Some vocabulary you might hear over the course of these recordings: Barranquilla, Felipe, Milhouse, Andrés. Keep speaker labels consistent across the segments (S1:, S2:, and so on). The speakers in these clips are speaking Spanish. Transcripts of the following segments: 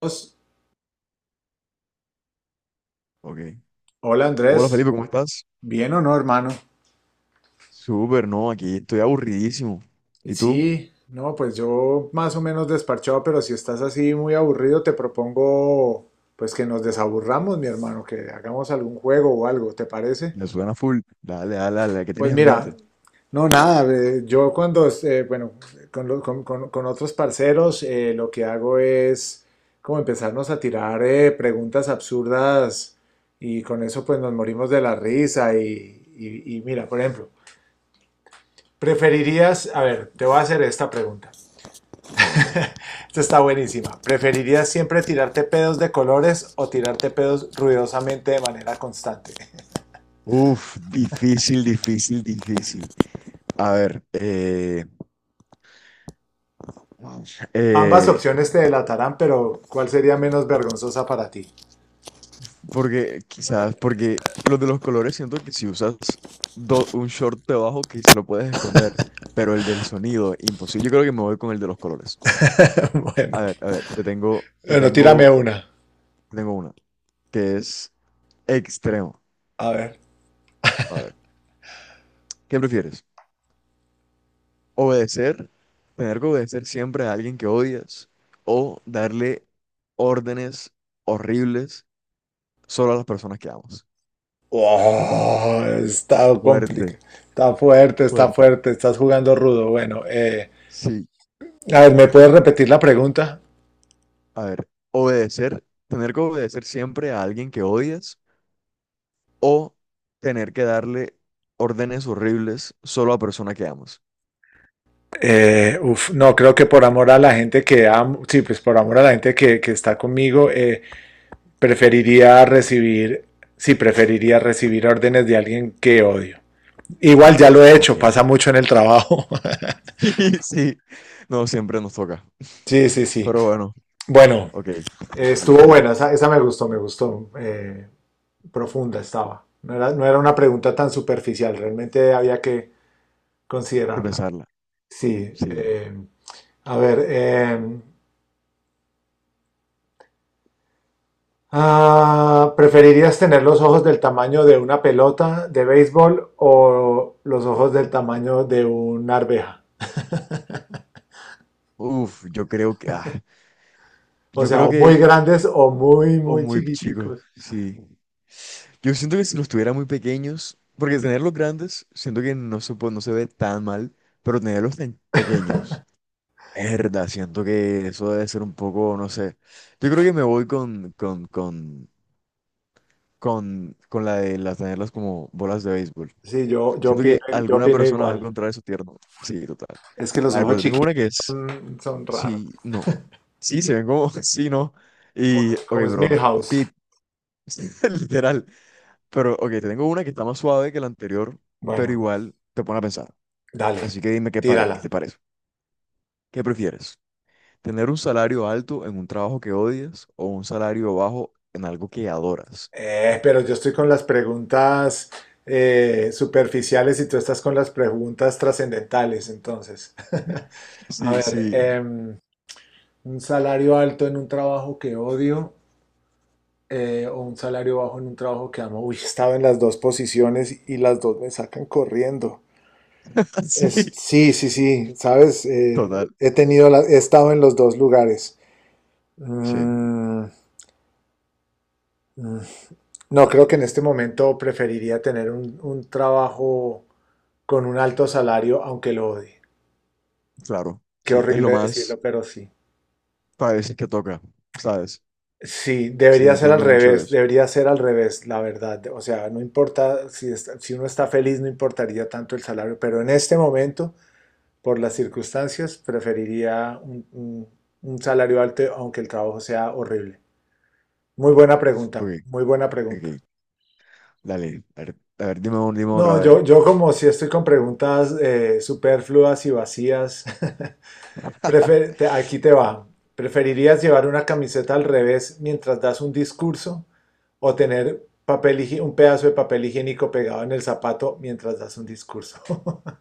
S1: Pues,
S2: Ok.
S1: hola
S2: Hola
S1: Andrés,
S2: Felipe, ¿cómo estás?
S1: bien o no, hermano.
S2: Súper, no, aquí estoy aburridísimo.
S1: Y
S2: ¿Y tú?
S1: sí, no, pues yo más o menos desparchado, pero si estás así muy aburrido, te propongo pues que nos desaburramos, mi hermano, que hagamos algún juego o algo, ¿te parece?
S2: Me suena full. Dale, dale, dale, ¿qué
S1: Pues
S2: tienes en
S1: mira,
S2: mente?
S1: no, nada, yo bueno, con otros parceros, lo que hago es como empezarnos a tirar preguntas absurdas y con eso pues nos morimos de la risa y mira, por ejemplo. ¿Preferirías, a ver, te voy a hacer esta pregunta.
S2: Dale, dale.
S1: Esta está buenísima. ¿Preferirías siempre tirarte pedos de colores o tirarte pedos ruidosamente de manera constante?
S2: Uf, difícil, difícil, difícil. A ver,
S1: Ambas
S2: eh,
S1: opciones te delatarán, pero ¿cuál sería menos vergonzosa para ti?
S2: porque quizás, porque los de los colores siento que si usas un short debajo quizás lo puedes esconder, pero el del sonido, imposible. Yo creo que me voy con el de los colores.
S1: Bueno,
S2: A ver, te tengo, te
S1: bueno, tírame
S2: tengo,
S1: una.
S2: te tengo una, que es extremo.
S1: A ver.
S2: A ver. ¿Qué prefieres? ¿Obedecer? ¿Tener que obedecer siempre a alguien que odias? ¿O darle órdenes horribles solo a las personas que amas?
S1: Oh, está
S2: Fuerte,
S1: complicado. Está fuerte, está
S2: fuerte.
S1: fuerte. Estás jugando rudo. Bueno,
S2: Sí,
S1: a ver, ¿me puedes repetir la pregunta?
S2: a ver, obedecer, tener que obedecer siempre a alguien que odias o tener que darle órdenes horribles solo a persona que amas.
S1: No, creo que por amor a la gente que amo, sí, pues por amor a la gente que está conmigo, preferiría recibir, sí, preferiría recibir órdenes de alguien que odio. Igual ya lo he
S2: Ok,
S1: hecho, pasa mucho en el trabajo.
S2: sí, sí. No, siempre nos toca.
S1: Sí, sí, sí.
S2: Pero bueno,
S1: Bueno,
S2: ok, dale,
S1: estuvo
S2: dale tú,
S1: buena,
S2: hay
S1: esa me gustó, me gustó. Profunda estaba. No era una pregunta tan superficial, realmente había que
S2: que
S1: considerarla.
S2: pensarla.
S1: Sí,
S2: Sí,
S1: a ver, ah, ¿preferirías tener los ojos del tamaño de una pelota de béisbol o los ojos del tamaño de una arveja?
S2: uf, yo creo que, ah,
S1: O
S2: Yo
S1: sea,
S2: creo
S1: o muy
S2: que,
S1: grandes o
S2: o
S1: muy
S2: muy chicos,
S1: chiquiticos.
S2: sí. Yo siento que si los tuviera muy pequeños, porque tenerlos grandes, siento que no se, no se ve tan mal, pero tenerlos tan pequeños, es verdad, siento que eso debe ser un poco, no sé. Yo creo que me voy con la de las tenerlas como bolas de béisbol.
S1: Sí,
S2: Siento que
S1: yo
S2: alguna
S1: opino
S2: persona va a
S1: igual.
S2: encontrar eso tierno. Sí, total.
S1: Es que los
S2: A ver,
S1: ojos
S2: pero te tengo
S1: chiquitos
S2: una que es,
S1: son raros,
S2: sí, no. Sí, se ven como, sí, no.
S1: como,
S2: Y, ok,
S1: como es
S2: pero no.
S1: Milhouse.
S2: Pip. Literal. Pero, ok, te tengo una que está más suave que la anterior, pero
S1: Bueno,
S2: igual te pone a pensar.
S1: dale,
S2: Así que dime qué, qué te
S1: tírala.
S2: parece. ¿Qué prefieres? ¿Tener un salario alto en un trabajo que odias o un salario bajo en algo que adoras?
S1: Pero yo estoy con las preguntas superficiales y tú estás con las preguntas trascendentales, entonces. A
S2: Sí,
S1: ver,
S2: sí,
S1: un salario alto en un trabajo que odio, o un salario bajo en un trabajo que amo. Uy, estaba en las dos posiciones y las dos me sacan corriendo.
S2: sí,
S1: Es, sí, sí, sí, sabes.
S2: total.
S1: He tenido he estado en los dos lugares.
S2: Sí,
S1: Mm, mm. No, creo que en este momento preferiría tener un trabajo con un alto salario, aunque lo odie.
S2: claro.
S1: Qué
S2: Sí, es lo
S1: horrible
S2: más
S1: decirlo, pero sí.
S2: para veces que toca, ¿sabes?
S1: Sí,
S2: Sí,
S1: debería ser al
S2: entiendo mucho
S1: revés,
S2: eso.
S1: debería ser al revés, la verdad. O sea, no importa si uno está feliz, no importaría tanto el salario, pero en este momento, por las circunstancias, preferiría un salario alto, aunque el trabajo sea horrible. Muy buena
S2: Ok,
S1: pregunta, muy buena
S2: ok,
S1: pregunta.
S2: dale. A ver, dime, dime
S1: No,
S2: otra vez.
S1: yo como si estoy con preguntas superfluas y vacías. Aquí te va. ¿Preferirías llevar una camiseta al revés mientras das un discurso o tener un pedazo de papel higiénico pegado en el zapato mientras das un discurso?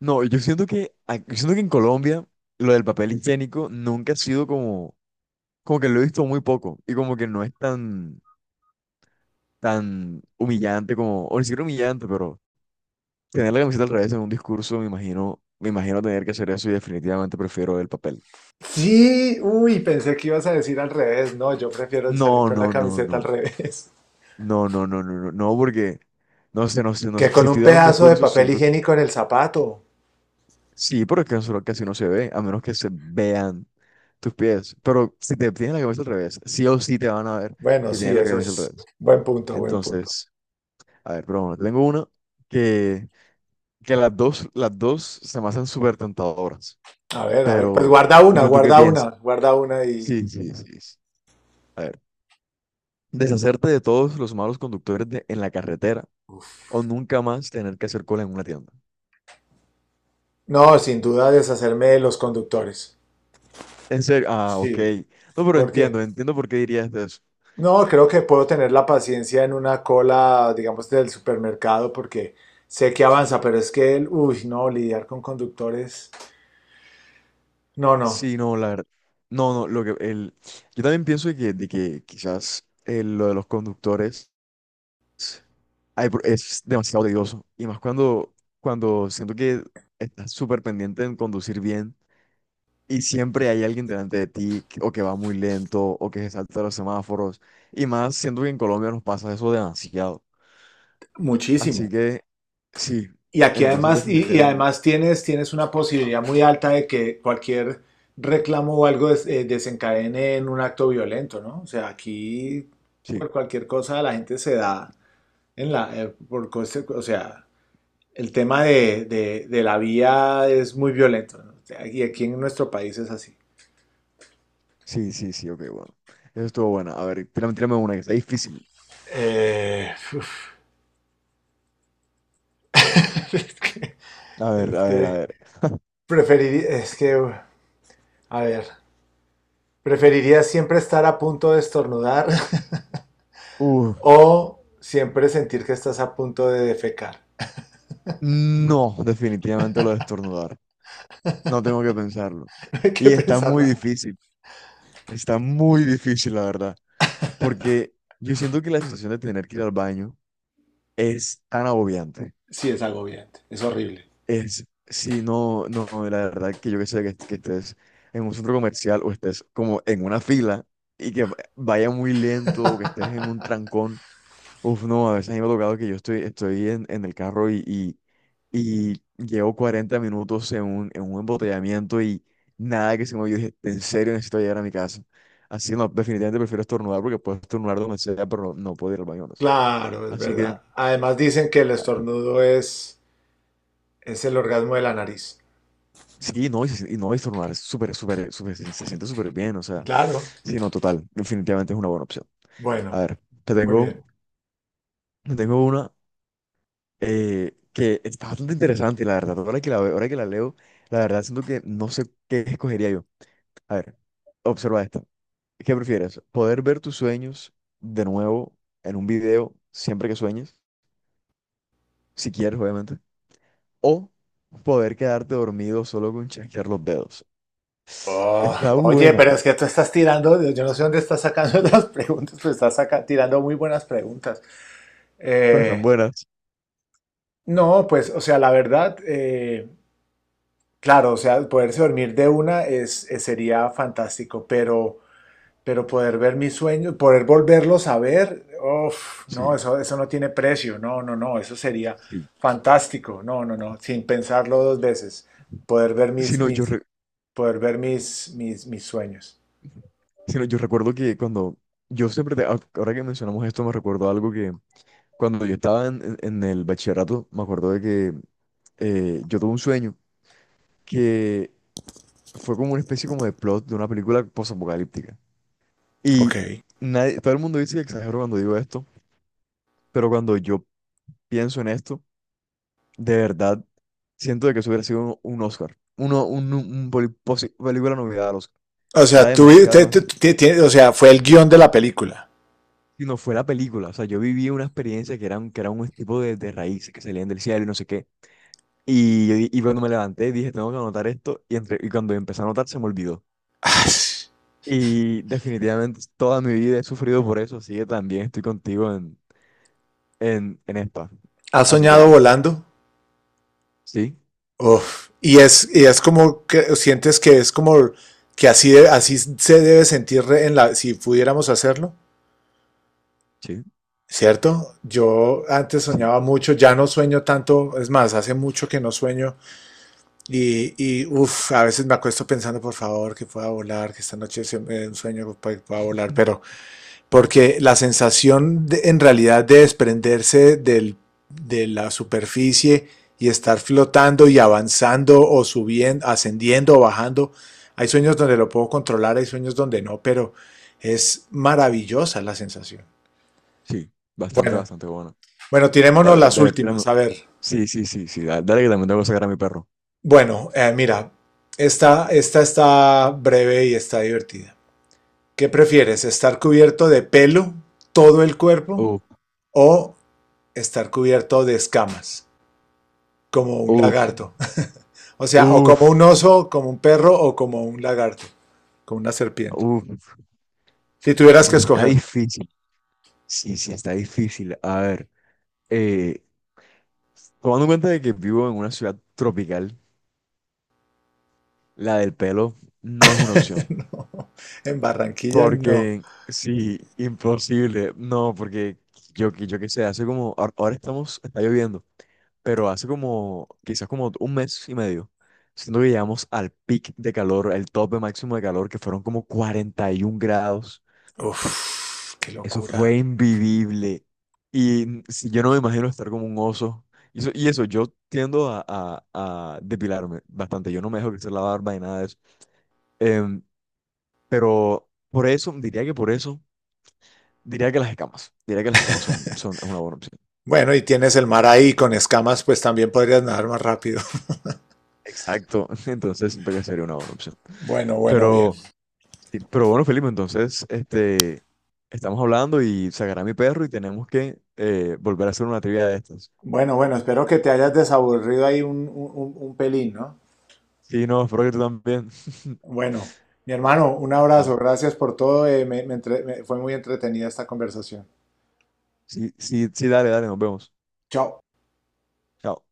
S2: No, yo siento que, en Colombia lo del papel higiénico nunca ha sido como que lo he visto muy poco y como que no es tan humillante como, o ni siquiera humillante, pero tener la camiseta al revés en un discurso, me imagino tener que hacer eso y definitivamente prefiero el papel.
S1: Sí, uy, pensé que ibas a decir al revés. No, yo prefiero salir
S2: No,
S1: con la
S2: no, no,
S1: camiseta al
S2: no,
S1: revés.
S2: no, no, no, no, no, no, porque no sé, no sé, no
S1: Que
S2: sé, si
S1: con un
S2: estoy dando un
S1: pedazo de
S2: discurso
S1: papel
S2: siento,
S1: higiénico en el zapato.
S2: sí, pero es que eso casi no se ve, a menos que se vean tus pies, pero si te tienes la camisa al revés, sí o sí te van a ver
S1: Bueno,
S2: que
S1: sí,
S2: tienes la
S1: ese
S2: camisa al
S1: es
S2: revés.
S1: buen punto, buen punto.
S2: Entonces, a ver, pero bueno, tengo una que... las dos se me hacen súper tentadoras,
S1: A ver, pues
S2: pero
S1: guarda una,
S2: dime tú qué
S1: guarda
S2: piensas.
S1: una, guarda una y...
S2: Sí, sí, sí. Sí. A ver, deshacerte de todos los malos conductores en la carretera o nunca más tener que hacer cola en una tienda.
S1: No, sin duda deshacerme de los conductores.
S2: En serio, ah, ok.
S1: Sí.
S2: No, pero
S1: ¿Por
S2: entiendo,
S1: qué?
S2: entiendo por qué dirías de eso.
S1: No, creo que puedo tener la paciencia en una cola, digamos, del supermercado porque sé que avanza, pero es que, uy, no, lidiar con conductores, no, no,
S2: Sí, no, la verdad. No, no, lo que el, yo también pienso de que quizás lo de los conductores ay, es demasiado tedioso. Y más cuando siento que estás súper pendiente en conducir bien. Y siempre hay alguien delante de ti o que va muy lento o que se salta los semáforos. Y más, siento que en Colombia nos pasa eso demasiado.
S1: muchísimo.
S2: Así que sí,
S1: Y aquí
S2: entonces
S1: además, y
S2: definitivamente
S1: además tienes, tienes una posibilidad muy alta de que cualquier reclamo o algo desencadene en un acto violento, ¿no? O sea, aquí
S2: sí,
S1: por cualquier cosa la gente se da en la, o sea, el tema de la vía es muy violento, ¿no? Y aquí en nuestro país es así.
S2: sí, sí, sí, ok, bueno. Eso estuvo bueno. A ver, tírame, tírame una que está difícil.
S1: Eh, uf, es que,
S2: A ver,
S1: es
S2: a ver, a
S1: que
S2: ver.
S1: preferiría, a ver, preferiría siempre estar a punto de estornudar
S2: Uh,
S1: o siempre sentir que estás a punto de defecar.
S2: no, definitivamente lo de estornudar. No tengo que pensarlo.
S1: No hay que
S2: Y está
S1: pensar
S2: muy
S1: nada.
S2: difícil. Está muy difícil, la verdad. Porque yo siento que la sensación de tener que ir al baño es tan agobiante.
S1: Sí, es agobiante, es horrible.
S2: Es, si no, no, no, la verdad que yo que sé que, que estés en un centro comercial o estés como en una fila y que vaya muy lento o que estés en un trancón. Uf, no, a veces a mí me ha tocado que yo estoy en el carro y, y llevo 40 minutos en un embotellamiento y nada que se me. Yo dije, en serio necesito llegar a mi casa. Así no, definitivamente prefiero estornudar porque puedo estornudar donde sea, pero no, no puedo ir al baño, no sé.
S1: Claro, es
S2: Así que...
S1: verdad. Además dicen que el estornudo es el orgasmo de la nariz.
S2: Sí, no, y, y no, y estornudar es súper, súper, súper, se siente súper bien, o sea,
S1: Claro.
S2: sí, no, total, definitivamente es una buena opción. A
S1: Bueno,
S2: ver, te
S1: muy
S2: tengo,
S1: bien.
S2: te tengo una que está bastante interesante, la verdad, ahora que la leo, la verdad siento que no sé qué escogería yo. A ver, observa esta. ¿Qué prefieres? ¿Poder ver tus sueños de nuevo en un video siempre que sueñes? Si quieres, obviamente. ¿O poder quedarte dormido solo con chasquear los dedos?
S1: Oh,
S2: Está
S1: oye,
S2: buena,
S1: pero es que tú estás tirando, yo no sé dónde estás sacando las preguntas, pero estás tirando muy buenas preguntas.
S2: pero están
S1: Eh,
S2: buenas.
S1: no, pues, o sea, la verdad, claro, o sea, poderse dormir de una es, sería fantástico, pero poder ver mis sueños, poder volverlos a ver, uf, no,
S2: Sí.
S1: eso no tiene precio, no, no, no, eso sería
S2: Sí.
S1: fantástico, no, no, no, sin pensarlo dos veces, poder ver
S2: Sino yo, re-
S1: poder ver mis sueños.
S2: sino yo recuerdo que cuando yo siempre, ah, ahora que mencionamos esto, me recuerdo algo que cuando yo estaba en, en el bachillerato, me acuerdo de que yo tuve un sueño que fue como una especie como de plot de una película posapocalíptica.
S1: Ok.
S2: Y nadie, todo el mundo dice que exagero cuando digo esto, pero cuando yo pienso en esto, de verdad, siento de que eso hubiera sido un Oscar, uno, un poli- posi- película novedad al Oscar.
S1: O
S2: Era
S1: sea, tú,
S2: demasiado,
S1: te- te-
S2: demasiado.
S1: te- te- o sea, fue el guión de la película.
S2: Si no fue la película, o sea, yo viví una experiencia que era un tipo de raíces que salían del cielo y no sé qué. Y, y cuando me levanté dije, tengo que anotar esto, y cuando empecé a anotar se me olvidó. Y definitivamente toda mi vida he sufrido por eso, así que también estoy contigo en, en esta.
S1: ¿Has
S2: Así que
S1: soñado
S2: dale.
S1: volando?
S2: Sí,
S1: Uf. Y es como que sientes que es como que así, así se debe sentir en la, si pudiéramos hacerlo,
S2: sí,
S1: ¿cierto? Yo antes
S2: sí,
S1: soñaba mucho, ya no sueño tanto, es más, hace mucho que no sueño y uf, a veces me acuesto pensando, por favor, que pueda volar, que esta noche sea un sueño que pueda volar, pero porque la sensación en realidad de desprenderse de la superficie y estar flotando y avanzando o subiendo, ascendiendo o bajando, hay sueños donde lo puedo controlar, hay sueños donde no, pero es maravillosa la sensación.
S2: sí, bastante,
S1: Bueno,
S2: bastante bueno.
S1: bueno, tirémonos las
S2: A ver,
S1: últimas, a ver.
S2: Sí, sí, sí, sí, dale, dale que también tengo que sacar a mi perro.
S1: Bueno, mira, esta está breve y está divertida. ¿Qué prefieres? ¿Estar cubierto de pelo todo el cuerpo
S2: Uf,
S1: o estar cubierto de escamas, como un
S2: uf,
S1: lagarto? O sea, o
S2: uf,
S1: como un oso, como un perro o como un lagarto, como una serpiente.
S2: uf,
S1: Si tuvieras que
S2: está
S1: escoger.
S2: difícil. Sí, sí, está difícil. A ver, eh, tomando en cuenta de que vivo en una ciudad tropical, la del pelo no es una opción.
S1: No, en Barranquilla no.
S2: Porque, sí, imposible. No, porque yo qué sé, hace como, ahora estamos, está lloviendo, pero hace como, quizás como un mes y medio, siento que llegamos al pic de calor, el tope máximo de calor, que fueron como 41 grados.
S1: Uf, qué
S2: Eso
S1: locura.
S2: fue invivible. Y si yo no me imagino estar como un oso. Y eso, yo tiendo a depilarme bastante. Yo no me dejo crecer la barba y nada de eso. Em, pero por eso, diría que por eso, diría que las escamas. Diría que las escamas son es una buena opción.
S1: Bueno, y tienes el mar ahí con escamas, pues también podrías nadar más rápido.
S2: Exacto. Entonces siento que sería una buena opción.
S1: Bueno, bueno, bien.
S2: Pero, sí, pero bueno, Felipe, entonces, estamos hablando y sacará mi perro y tenemos que volver a hacer una trivia de estas.
S1: Bueno, bueno, espero que te hayas desaburrido ahí un pelín, ¿no?
S2: Sí, no, espero que tú también.
S1: Bueno, mi hermano, un
S2: Vale.
S1: abrazo, gracias por todo, fue muy entretenida esta conversación.
S2: Sí, sí, sí, dale, dale, nos vemos.
S1: Chao.
S2: Chao.